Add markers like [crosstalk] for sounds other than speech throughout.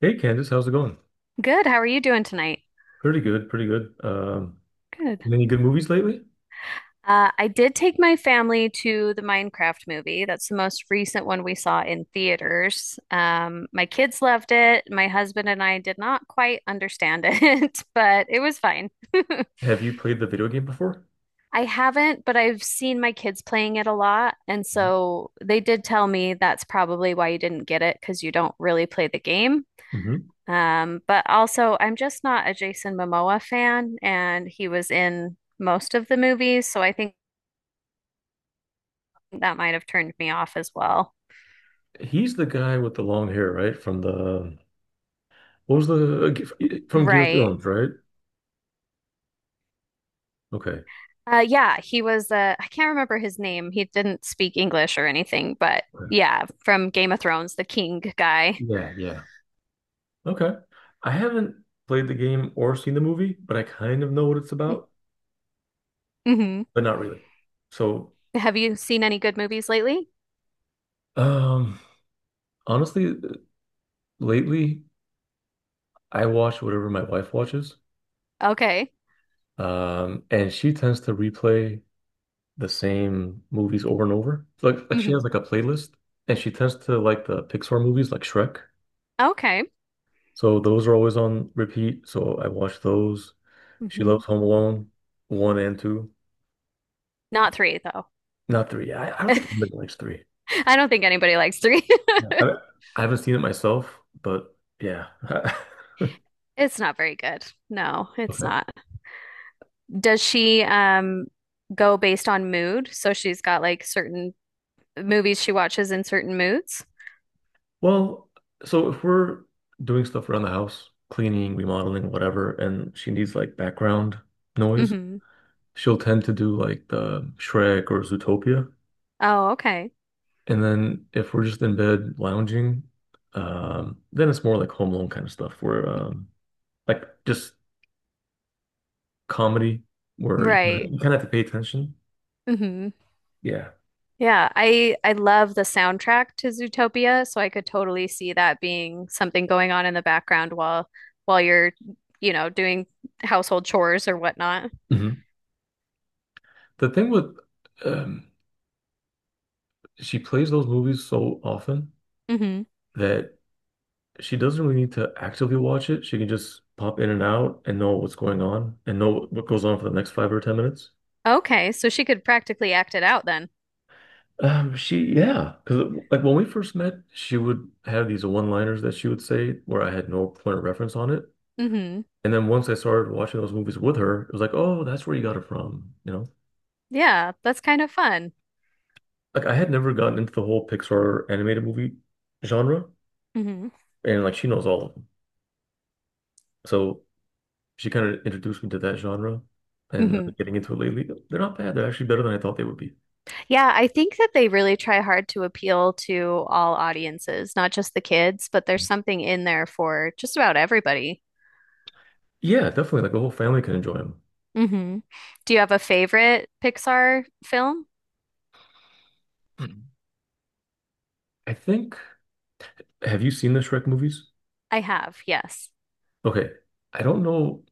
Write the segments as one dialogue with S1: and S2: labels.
S1: Hey Candice, how's it going?
S2: Good. How are you doing tonight?
S1: Pretty good, pretty good.
S2: Good.
S1: Any good movies lately?
S2: I did take my family to the Minecraft movie. That's the most recent one we saw in theaters. My kids loved it. My husband and I did not quite understand it, [laughs] but it was fine. [laughs]
S1: Have you played the video game before?
S2: I haven't, but I've seen my kids playing it a lot. And so they did tell me that's probably why you didn't get it because you don't really play the game.
S1: Mm-hmm.
S2: But also, I'm just not a Jason Momoa fan, and he was in most of the movies. So I think that might have turned me off as well.
S1: He's the guy with the long hair, right? From the what was the from Game of
S2: Right.
S1: Thrones, right? Okay.
S2: Yeah, he was, I can't remember his name. He didn't speak English or anything, but
S1: Yeah,
S2: yeah, from Game of Thrones, the king guy.
S1: yeah, yeah. Okay. I haven't played the game or seen the movie, but I kind of know what it's about,
S2: Hmm.
S1: but not really. So,
S2: Have you seen any good movies lately?
S1: um, honestly, lately I watch whatever my wife watches,
S2: Okay.
S1: and she tends to replay the same movies over and over. Like she has
S2: Hmm.
S1: like a playlist, and she tends to like the Pixar movies like Shrek.
S2: Okay.
S1: So those are always on repeat. So I watch those. She
S2: Hmm.
S1: loves Home Alone one and two,
S2: Not three, though.
S1: not three. I don't think anybody likes three.
S2: [laughs] I don't think anybody likes three. [laughs]
S1: Yeah. I haven't seen it myself, but yeah. [laughs]
S2: It's not very good. No, it's
S1: Okay.
S2: not. Does she, go based on mood? So she's got like certain movies she watches in certain moods?
S1: Well, so if we're doing stuff around the house, cleaning, remodeling, whatever, and she needs like background noise,
S2: Hmm.
S1: she'll tend to do like the Shrek or Zootopia.
S2: Oh, okay.
S1: And then if we're just in bed lounging, then it's more like Home Alone kind of stuff where like just comedy where you kind
S2: Right.
S1: of, you kind of have to pay attention.
S2: Hmm.
S1: Yeah.
S2: Yeah, I love the soundtrack to Zootopia, so I could totally see that being something going on in the background while while you're doing household chores or whatnot.
S1: Hmm. The thing with um, she plays those movies so often
S2: Hmm.
S1: that she doesn't really need to actively watch it. She can just pop in and out and know what's going on and know what goes on for the next 5 or 10 minutes.
S2: Okay, so she could practically act it out then.
S1: She, yeah, because like when we first met, she would have these one-liners that she would say where I had no point of reference on it.
S2: Hmm.
S1: And then once I started watching those movies with her, it was like, oh, that's where you got it from, you know?
S2: Yeah, that's kind of fun.
S1: Like I had never gotten into the whole Pixar animated movie genre,
S2: Hmm.
S1: and like she knows all of them. So she kind of introduced me to that genre, and I've
S2: Hmm.
S1: been getting into it lately. They're not bad. They're actually better than I thought they would be.
S2: Yeah, I think that they really try hard to appeal to all audiences, not just the kids, but there's something in there for just about everybody.
S1: Yeah, definitely. Like the whole family can enjoy them.
S2: Hmm. Do you have a favorite Pixar film?
S1: Mhm. I think, have you seen the Shrek movies?
S2: I have, yes.
S1: Okay. I don't know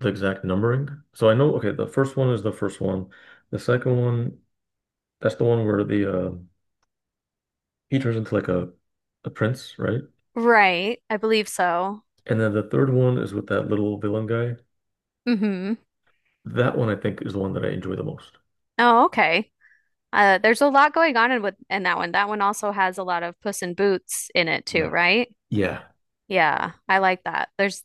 S1: the exact numbering. So I know, okay, the first one is the first one. The second one, that's the one where the he turns into like a prince, right?
S2: Right, I believe so.
S1: And then the third one is with that little villain guy.
S2: Hmm.
S1: That one I think is the one that I enjoy the most.
S2: Oh, okay. There's a lot going on in that one. That one also has a lot of Puss in Boots in it too,
S1: Yeah.
S2: right?
S1: Yeah.
S2: Yeah, I like that. There's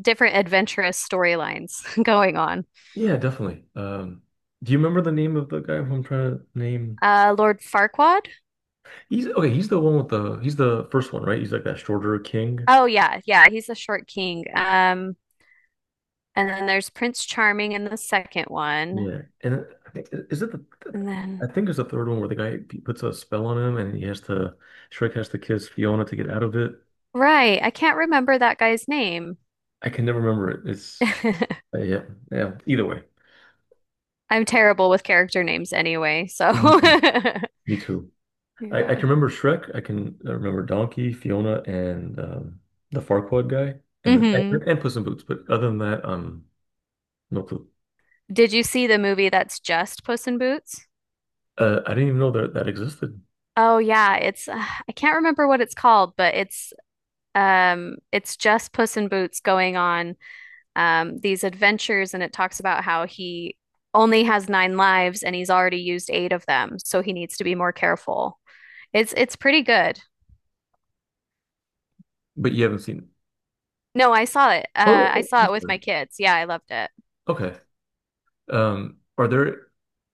S2: different adventurous storylines [laughs] going on.
S1: Yeah, definitely. Do you remember the name of the guy who I'm trying to name?
S2: Lord Farquaad?
S1: He's okay, he's the one with the, he's the first one, right? He's like that shorter king.
S2: Oh yeah, yeah, he's a short king. And then there's Prince Charming in the second one.
S1: Yeah. And I think, is it the,
S2: And then
S1: I think it's the third one where the guy puts a spell on him, and he has to Shrek has to kiss Fiona to get out of it.
S2: right, I can't remember that guy's name.
S1: I can never remember it. It's
S2: [laughs]
S1: yeah, yeah, either way.
S2: I'm terrible with character names anyway, so
S1: Mhm.
S2: [laughs]
S1: Me too. I
S2: yeah.
S1: can remember Shrek. I can remember Donkey, Fiona, and the Farquaad guy, and the,
S2: Hmm.
S1: and Puss in Boots. But other than that, no clue.
S2: Did you see the movie that's just Puss in Boots?
S1: I didn't even know that that existed.
S2: Oh yeah, it's I can't remember what it's called, but it's just Puss in Boots going on these adventures, and it talks about how he only has nine lives and he's already used eight of them, so he needs to be more careful. It's pretty good.
S1: But you haven't seen it.
S2: No, I saw it. I
S1: Oh,
S2: saw it with
S1: Buster.
S2: my kids. Yeah, I loved it.
S1: Okay. Are there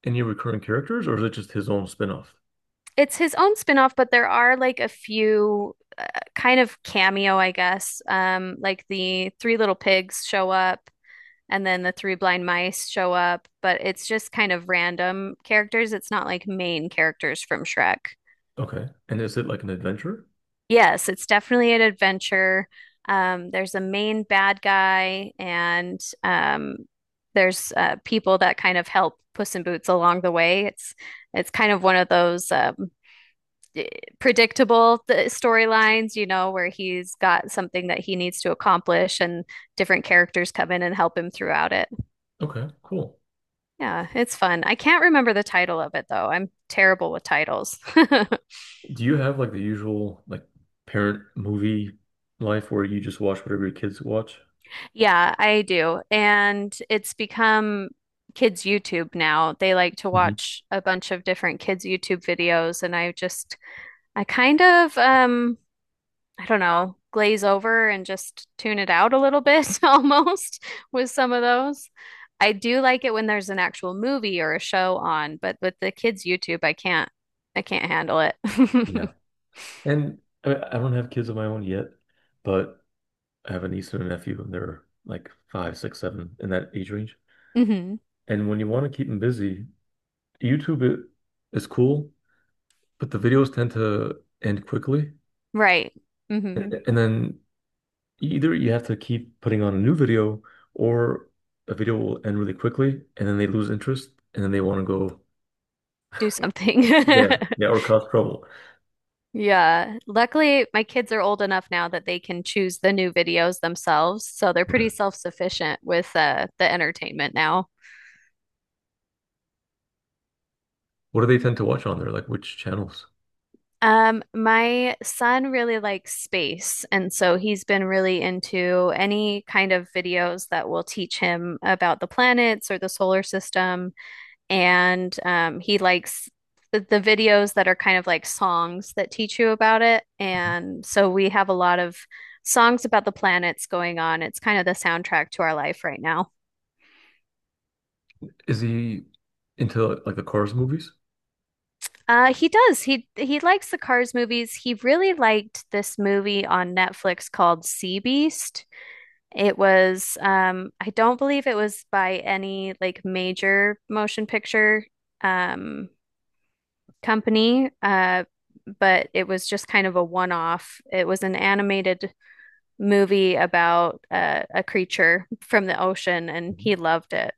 S1: any recurring characters, or is it just his own spin-off?
S2: It's his own spin-off, but there are like a few kind of cameo, I guess. Like the Three Little Pigs show up, and then the Three Blind Mice show up, but it's just kind of random characters. It's not like main characters from Shrek.
S1: Okay, and is it like an adventure?
S2: Yes, it's definitely an adventure. There's a main bad guy, and there's people that kind of help Puss in Boots along the way. It's kind of one of those predictable storylines, you know, where he's got something that he needs to accomplish, and different characters come in and help him throughout it.
S1: Okay, cool.
S2: Yeah, it's fun. I can't remember the title of it though. I'm terrible with titles. [laughs]
S1: Do you have like the usual like parent movie life where you just watch whatever your kids watch?
S2: Yeah, I do. And it's become kids' YouTube now. They like to
S1: Mhm.
S2: watch a bunch of different kids' YouTube videos, and I just I kind of I don't know, glaze over and just tune it out a little bit [laughs] almost with some of those. I do like it when there's an actual movie or a show on, but with the kids' YouTube, I can't handle it. [laughs]
S1: Yeah. And I mean, I don't have kids of my own yet, but I have a niece and a nephew, and they're like five, six, seven in that age range.
S2: Hmm.
S1: And when you want to keep them busy, YouTube is cool, but the videos tend to end quickly.
S2: Right.
S1: And,
S2: Hmm.
S1: mhm, and then either you have to keep putting on a new video, or a video will end really quickly, and then they lose interest, and then they want to go,
S2: Do something.
S1: yeah,
S2: [laughs]
S1: yeah, or cause trouble.
S2: Yeah. Luckily, my kids are old enough now that they can choose the new videos themselves, so they're pretty
S1: Okay.
S2: self-sufficient with the entertainment now.
S1: What do they tend to watch on there? Like which channels?
S2: My son really likes space, and so he's been really into any kind of videos that will teach him about the planets or the solar system. And he likes the videos that are kind of like songs that teach you about it. And so we have a lot of songs about the planets going on. It's kind of the soundtrack to our life right now.
S1: Is he into like the chorus movies?
S2: He does. He likes the Cars movies. He really liked this movie on Netflix called Sea Beast. It was, I don't believe it was by any like major motion picture um, company, but it was just kind of a one-off. It was an animated movie about a creature from the ocean, and
S1: Mhm.
S2: he loved it.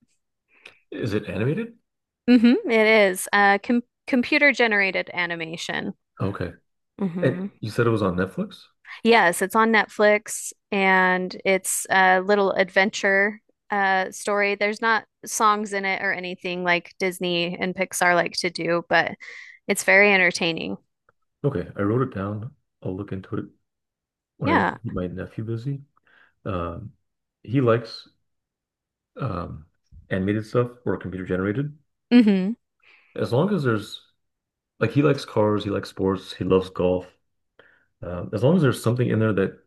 S1: Is it animated?
S2: Hmm. It is computer generated animation.
S1: Okay. And
S2: Hmm.
S1: you said it was on Netflix?
S2: Yes, it's on Netflix, and it's a little adventure story. There's not songs in it or anything like Disney and Pixar like to do, but it's very entertaining.
S1: Okay, I wrote it down. I'll look into it when I
S2: Yeah.
S1: keep my nephew busy. Um, he likes um, animated stuff or computer generated.
S2: Hmm.
S1: As long as there's like he likes cars, he likes sports, he loves golf. As long as there's something in there that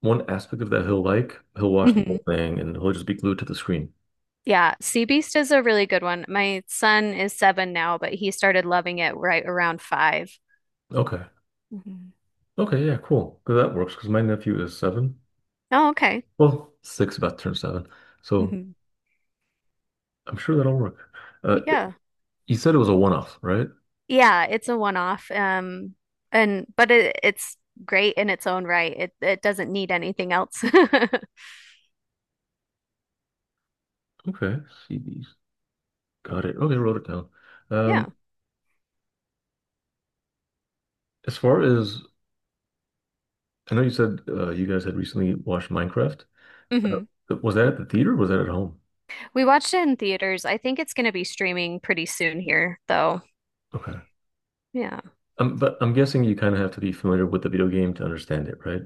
S1: one aspect of that he'll like, he'll watch the
S2: Hmm.
S1: whole thing and he'll just be glued to the screen.
S2: Yeah, Sea Beast is a really good one. My son is seven now, but he started loving it right around 5.
S1: Okay.
S2: Mhm.
S1: Okay, yeah, cool. 'Cause that works because my nephew is seven.
S2: Oh, okay.
S1: Well, six about to turn seven. So
S2: Hmm.
S1: I'm sure that'll work. Uh,
S2: Yeah.
S1: you said it was a one-off, right?
S2: Yeah, it's a one-off. And but it, it's great in its own right. It doesn't need anything else. [laughs]
S1: Okay. CDs. Got it. Okay, wrote it down.
S2: Yeah.
S1: Um, As far as I know, you said you guys had recently watched Minecraft. Uh,
S2: Hmm.
S1: was that at the theater? Or was that at home?
S2: We watched it in theaters. I think it's going to be streaming pretty soon here, though.
S1: Okay.
S2: Yeah.
S1: But I'm guessing you kind of have to be familiar with the video game to understand it, right?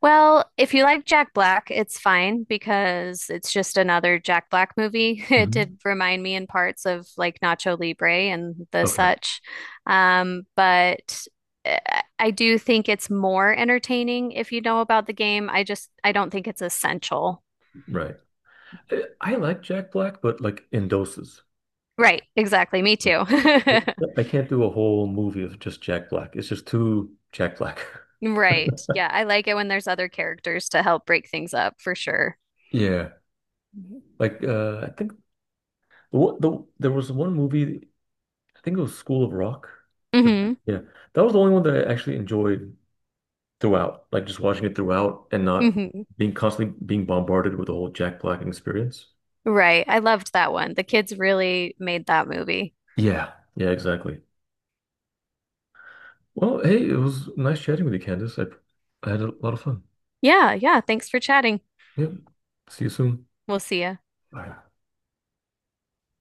S2: Well, if you like Jack Black, it's fine because it's just another Jack Black movie. [laughs] It did
S1: Hmm.
S2: remind me in parts of like Nacho Libre and the
S1: Okay,
S2: such. But uh, I do think it's more entertaining if you know about the game. I don't think it's essential.
S1: right. I like Jack Black, but like in doses.
S2: Right, exactly. Me
S1: Yeah.
S2: too. [laughs]
S1: I can't do a whole movie of just Jack Black. It's just too Jack Black. [laughs]
S2: Right. Yeah, I like it when there's other characters to help break things up for sure.
S1: Yeah, like I think there was one movie. I think it was School of Rock.
S2: Hmm.
S1: Yeah, that was the only one that I actually enjoyed, throughout, like just watching it throughout and not
S2: Hmm.
S1: being constantly being bombarded with the whole Jack Black experience.
S2: Right. I loved that one. The kids really made that movie.
S1: Yeah. Yeah, exactly. Well, hey, it was nice chatting with you, Candace. I had a lot of fun.
S2: Yeah, yeah. Thanks for chatting.
S1: Yep. See you soon.
S2: We'll see ya.
S1: Bye.